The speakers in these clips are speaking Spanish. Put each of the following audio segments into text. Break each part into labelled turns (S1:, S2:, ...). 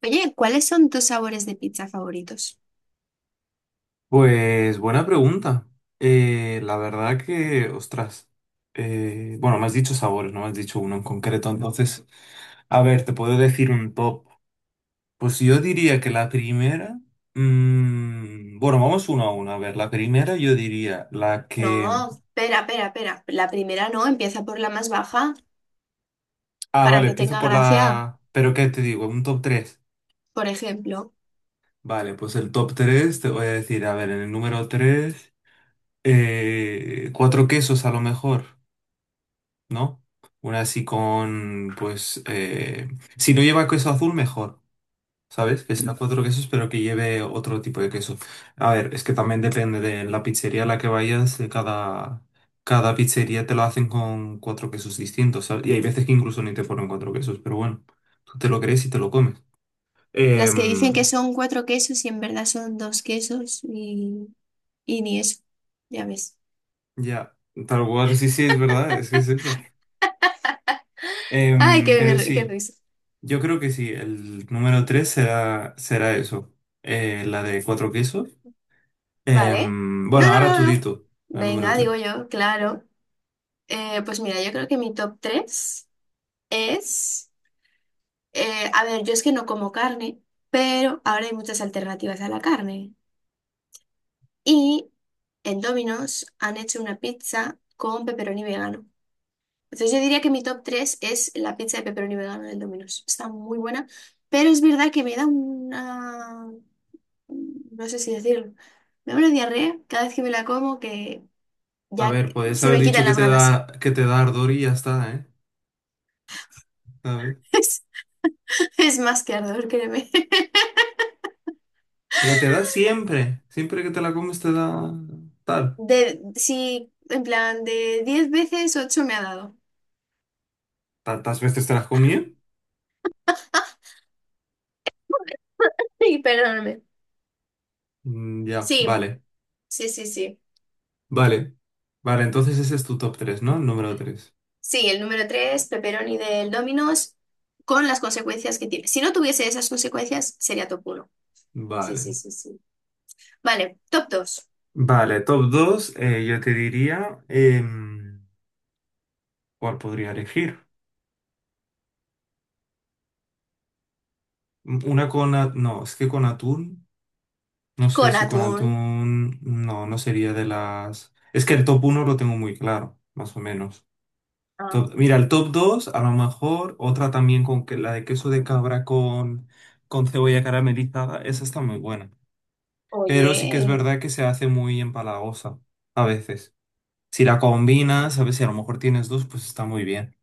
S1: Oye, ¿cuáles son tus sabores de pizza favoritos?
S2: Pues buena pregunta. La verdad que, ostras, bueno, me has dicho sabores, no me has dicho uno en concreto. Entonces, a ver, te puedo decir un top. Pues yo diría que la primera, bueno, vamos uno a uno. A ver, la primera yo diría la
S1: No,
S2: que...
S1: espera, espera, espera. La primera no, empieza por la más baja
S2: Ah,
S1: para
S2: vale,
S1: que
S2: empiezo
S1: tenga
S2: por
S1: gracia.
S2: la... Pero ¿qué te digo? Un top 3.
S1: Por ejemplo,
S2: Vale, pues el top 3 te voy a decir, a ver, en el número 3 cuatro quesos a lo mejor. ¿No? Una así con, pues, si no lleva queso azul, mejor, ¿sabes? Que sea cuatro quesos, pero que lleve otro tipo de queso. A ver, es que también depende de la pizzería a la que vayas, cada pizzería te lo hacen con cuatro quesos distintos, ¿sabes? Y hay veces que incluso ni te ponen cuatro quesos, pero bueno, tú te lo crees y te lo comes.
S1: las que dicen que
S2: Em,
S1: son cuatro quesos y en verdad son dos quesos y ni eso. Ya ves.
S2: ya, tal cual, sí, sí, es verdad, es que es eso.
S1: Ay, qué,
S2: Pero
S1: ri- qué
S2: sí.
S1: risa.
S2: Yo creo que sí, el número 3 será, será eso, la de cuatro quesos.
S1: Vale.
S2: Bueno,
S1: No, no,
S2: ahora
S1: no,
S2: tú di
S1: no.
S2: tú, la número
S1: Venga,
S2: tres.
S1: digo yo, claro. Pues mira, yo creo que mi top 3 es... A ver, yo es que no como carne, pero ahora hay muchas alternativas a la carne. Y en Domino's han hecho una pizza con pepperoni vegano. Entonces yo diría que mi top 3 es la pizza de pepperoni vegano del Domino's. Está muy buena, pero es verdad que me da una... no sé si decirlo. Me da una diarrea cada vez que me la como que
S2: A
S1: ya
S2: ver, puedes
S1: se
S2: haber
S1: me
S2: dicho
S1: quitan las ganas.
S2: que te da ardor y ya está, ¿eh? ¿Sabes?
S1: Es, es más que ardor, créeme.
S2: Pero te da siempre, siempre que te la comes te da tal.
S1: Sí, en plan, de 10 veces 8 me ha dado.
S2: ¿Tantas veces te las comí?
S1: Sí, perdóname.
S2: Ya,
S1: Sí,
S2: vale,
S1: sí, sí, sí.
S2: vale. Vale, entonces ese es tu top tres, ¿no? El número tres.
S1: Sí, el número 3 pepperoni del Domino's, con las consecuencias que tiene. Si no tuviese esas consecuencias, sería top uno. Sí,
S2: Vale.
S1: sí, sí, sí. Vale, top 2
S2: Vale, top dos, yo te diría, ¿cuál podría elegir? Una con... No, es que con atún. No sé
S1: con
S2: si con
S1: atún.
S2: atún... No, no sería de las... Es que el top uno lo tengo muy claro, más o menos.
S1: Ah,
S2: Mira, el top 2 a lo mejor otra también con que la de queso de cabra con cebolla caramelizada. Esa está muy buena. Pero sí que es
S1: oye.
S2: verdad que se hace muy empalagosa a veces. Si la combinas, a veces si a lo mejor tienes dos, pues está muy bien.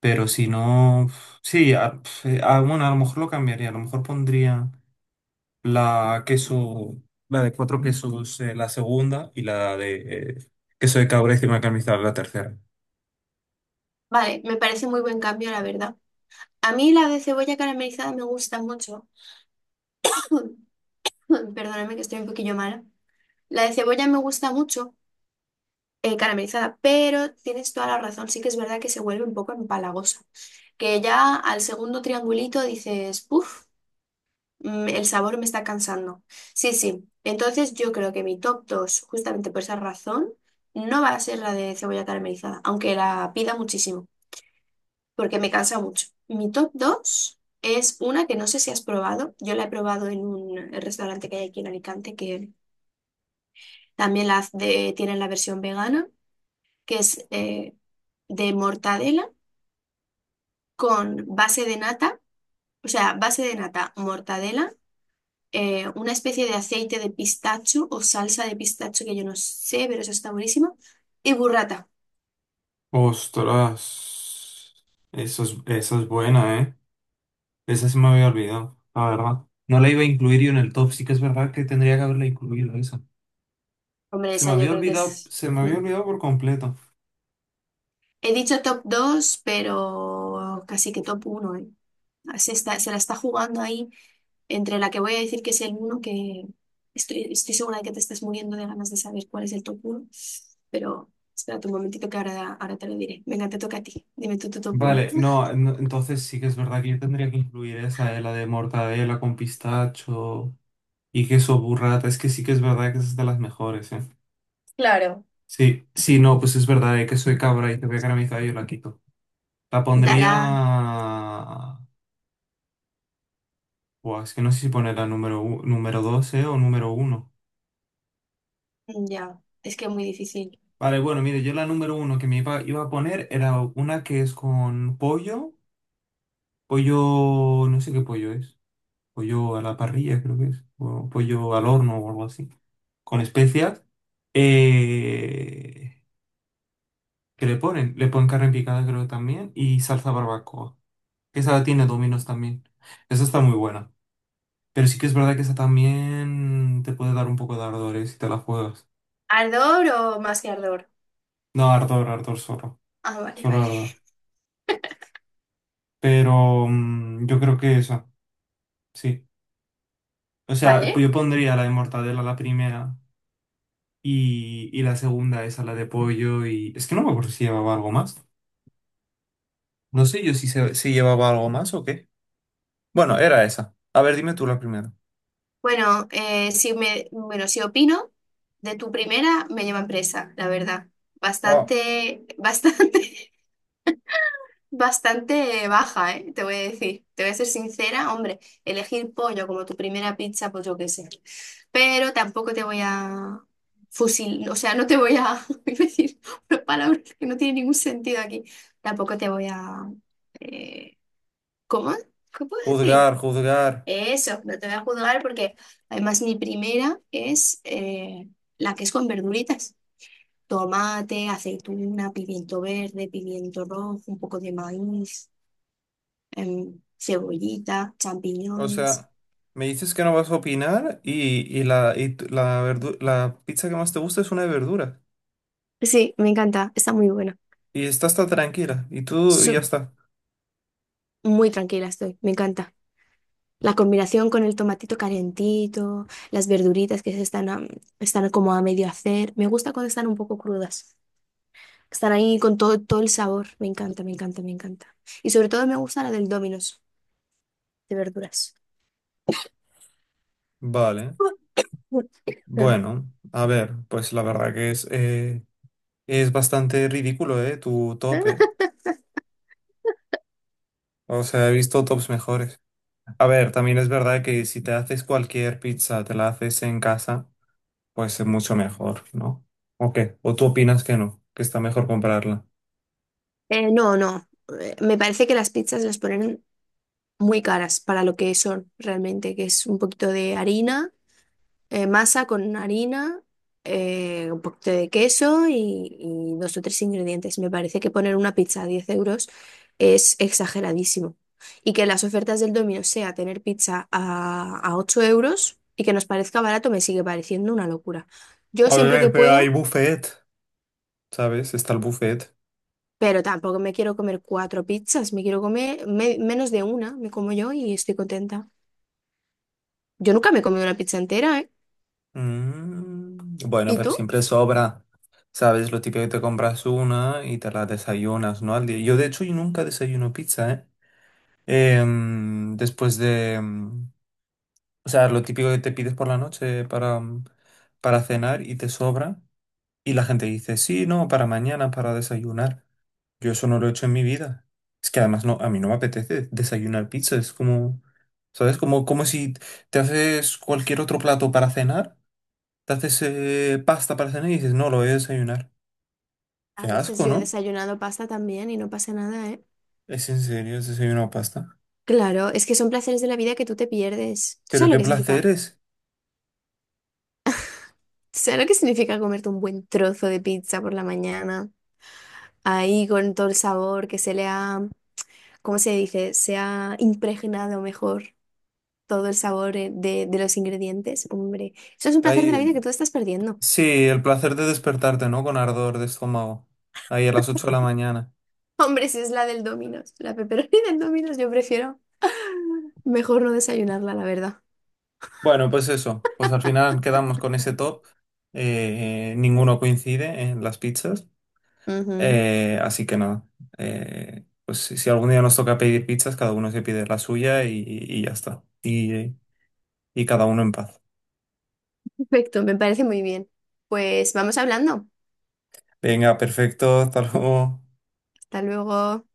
S2: Pero si no... sí, bueno, a lo mejor lo cambiaría. A lo mejor pondría... la queso, la de cuatro quesos, la segunda, y la de eh, queso de cabra y crema caramelizada, la tercera.
S1: Vale, me parece muy buen cambio, la verdad. A mí la de cebolla caramelizada me gusta mucho. Perdóname que estoy un poquillo mala. La de cebolla me gusta mucho, caramelizada, pero tienes toda la razón. Sí que es verdad que se vuelve un poco empalagosa. Que ya al segundo triangulito dices, uff. El sabor me está cansando. Sí, sí. Entonces yo creo que mi top 2 justamente por esa razón, no va a ser la de cebolla caramelizada, aunque la pida muchísimo, porque me cansa mucho. Mi top 2 es una que no sé si has probado. Yo la he probado en un restaurante que hay aquí en Alicante, que también tienen la versión vegana, que es de mortadela con base de nata, o sea, base de nata, mortadela, una especie de aceite de pistacho o salsa de pistacho que yo no sé, pero eso está buenísimo. Y burrata.
S2: Ostras, eso es, esa es buena, ¿eh? Esa se me había olvidado, la verdad. No la iba a incluir yo en el top, sí que es verdad que tendría que haberla incluido esa.
S1: Hombre,
S2: Se me
S1: esa yo
S2: había
S1: creo que
S2: olvidado,
S1: es...
S2: se me había
S1: mm.
S2: olvidado por completo.
S1: He dicho top dos, pero casi que top uno, ¿eh? Ah, se la está jugando ahí entre la que voy a decir que es el uno, que estoy segura de que te estás muriendo de ganas de saber cuál es el top uno, pero espérate un momentito, que ahora te lo diré. Venga, te toca a ti. Dime tú tu top uno.
S2: Vale, no, no, entonces sí que es verdad que yo tendría que incluir esa, la de mortadela con pistacho y queso burrata. Es que sí que es verdad que esa es de las mejores, ¿eh?
S1: Claro.
S2: Sí, sí, no, pues es verdad, que soy cabra y te voy a caramizar y yo la quito. La
S1: Dala,
S2: pondría... Buah, es que no sé si poner la número, número 12 o número uno.
S1: ya, es que es muy difícil.
S2: Vale, bueno, mire, yo la número uno que me iba, iba a poner era una que es con pollo, pollo, no sé qué pollo es, pollo a la parrilla creo que es, o pollo al horno o algo así, con especias. Eh, ¿Qué le ponen? Le ponen carne picada creo que también y salsa barbacoa. Que esa tiene dominos también. Esa está muy buena. Pero sí que es verdad que esa también te puede dar un poco de ardor, ¿eh? Si te la juegas.
S1: ¿Ardor o más que ardor?
S2: No, ardor, ardor solo.
S1: Ah, vale,
S2: Solo
S1: vale.
S2: ardor. Pero yo creo que esa, sí. O sea, pues
S1: Vale.
S2: yo pondría la de mortadela la primera y la segunda esa, la de pollo y... Es que no me acuerdo si llevaba algo más. No sé yo si, si llevaba algo más o qué. Bueno, era esa. A ver, dime tú la primera.
S1: Bueno, si opino de tu primera, me llevan presa, la verdad.
S2: Oh,
S1: Bastante, bastante, bastante baja, ¿eh? Te voy a decir. Te voy a ser sincera, hombre, elegir pollo como tu primera pizza, pues yo qué sé. Pero tampoco te voy a fusil, o sea, no te voy a iba a decir una palabra que no tiene ningún sentido aquí. Tampoco te voy a eh, ¿cómo? ¿Qué puedo decir?
S2: juzgar, juzgar.
S1: Eso, no te voy a juzgar porque además mi primera es la que es con verduritas. Tomate, aceituna, pimiento verde, pimiento rojo, un poco de maíz, cebollita,
S2: O
S1: champiñones.
S2: sea, me dices que no vas a opinar y la, la, la pizza que más te gusta es una de verdura.
S1: Sí, me encanta, está muy buena.
S2: Y está hasta tranquila. Y tú y ya
S1: Su-
S2: está.
S1: Muy tranquila estoy, me encanta. La combinación con el tomatito calentito, las verduritas que están como a medio hacer, me gusta cuando están un poco crudas. Están ahí con todo, todo el sabor. Me encanta, me encanta, me encanta. Y sobre todo me gusta la del Domino's de verduras.
S2: Vale. Bueno, a ver, pues la verdad que es bastante ridículo, ¿eh? Tu tope. O sea, he visto tops mejores. A ver, también es verdad que si te haces cualquier pizza, te la haces en casa, pues es mucho mejor, ¿no? ¿O qué? ¿O tú opinas que no? Que está mejor comprarla.
S1: No, no. Me parece que las pizzas las ponen muy caras para lo que son realmente, que es un poquito de harina. Masa con harina, un poquito de queso y dos o tres ingredientes. Me parece que poner una pizza a 10 euros es exageradísimo. Y que las ofertas del Domino sea tener pizza a, 8 euros y que nos parezca barato me sigue pareciendo una locura. Yo
S2: A
S1: siempre que
S2: ver, pero hay
S1: puedo,
S2: buffet, ¿sabes? Está el buffet.
S1: pero tampoco me quiero comer cuatro pizzas, me quiero comer menos de una, me como yo y estoy contenta. Yo nunca me he comido una pizza entera, ¿eh?
S2: Bueno,
S1: ¿Y
S2: pero
S1: tú?
S2: siempre sobra. ¿Sabes? Lo típico que te compras una y te la desayunas, ¿no? Al día. Yo, de hecho, yo nunca desayuno pizza, ¿eh? Em, después de... em, O sea, lo típico que te pides por la noche para, para cenar y te sobra. Y la gente dice, sí, no, para mañana, para desayunar. Yo eso no lo he hecho en mi vida. Es que además no, a mí no me apetece desayunar pizza. Es como, ¿sabes? Como, como si te haces cualquier otro plato para cenar. Te haces pasta para cenar y dices, no, lo voy a desayunar. Qué
S1: A veces
S2: asco,
S1: yo he
S2: ¿no?
S1: desayunado pasta también y no pasa nada.
S2: Es en serio, has desayunado pasta.
S1: Claro, es que son placeres de la vida que tú te pierdes. ¿Tú
S2: Pero
S1: sabes lo
S2: qué
S1: que
S2: placer
S1: significa?
S2: es.
S1: ¿Tú sabes lo que significa comerte un buen trozo de pizza por la mañana? Ahí con todo el sabor que se le ha, ¿cómo se dice? Se ha impregnado mejor todo el sabor, de los ingredientes. Hombre, eso es un placer de la
S2: Ay,
S1: vida que tú estás perdiendo.
S2: sí, el placer de despertarte, ¿no? Con ardor de estómago. Ahí a las 8 de la mañana.
S1: Hombre, si es la del Domino's, la pepperoni del Domino's, yo prefiero mejor no desayunarla, la verdad.
S2: Bueno, pues eso. Pues al final quedamos con ese top. Ninguno coincide en las pizzas.
S1: Ujú.
S2: Así que nada. Pues si si algún día nos toca pedir pizzas, cada uno se pide la suya y ya está. Y cada uno en paz.
S1: Perfecto, me parece muy bien. Pues vamos hablando.
S2: Venga, perfecto. Hasta luego.
S1: Hasta luego.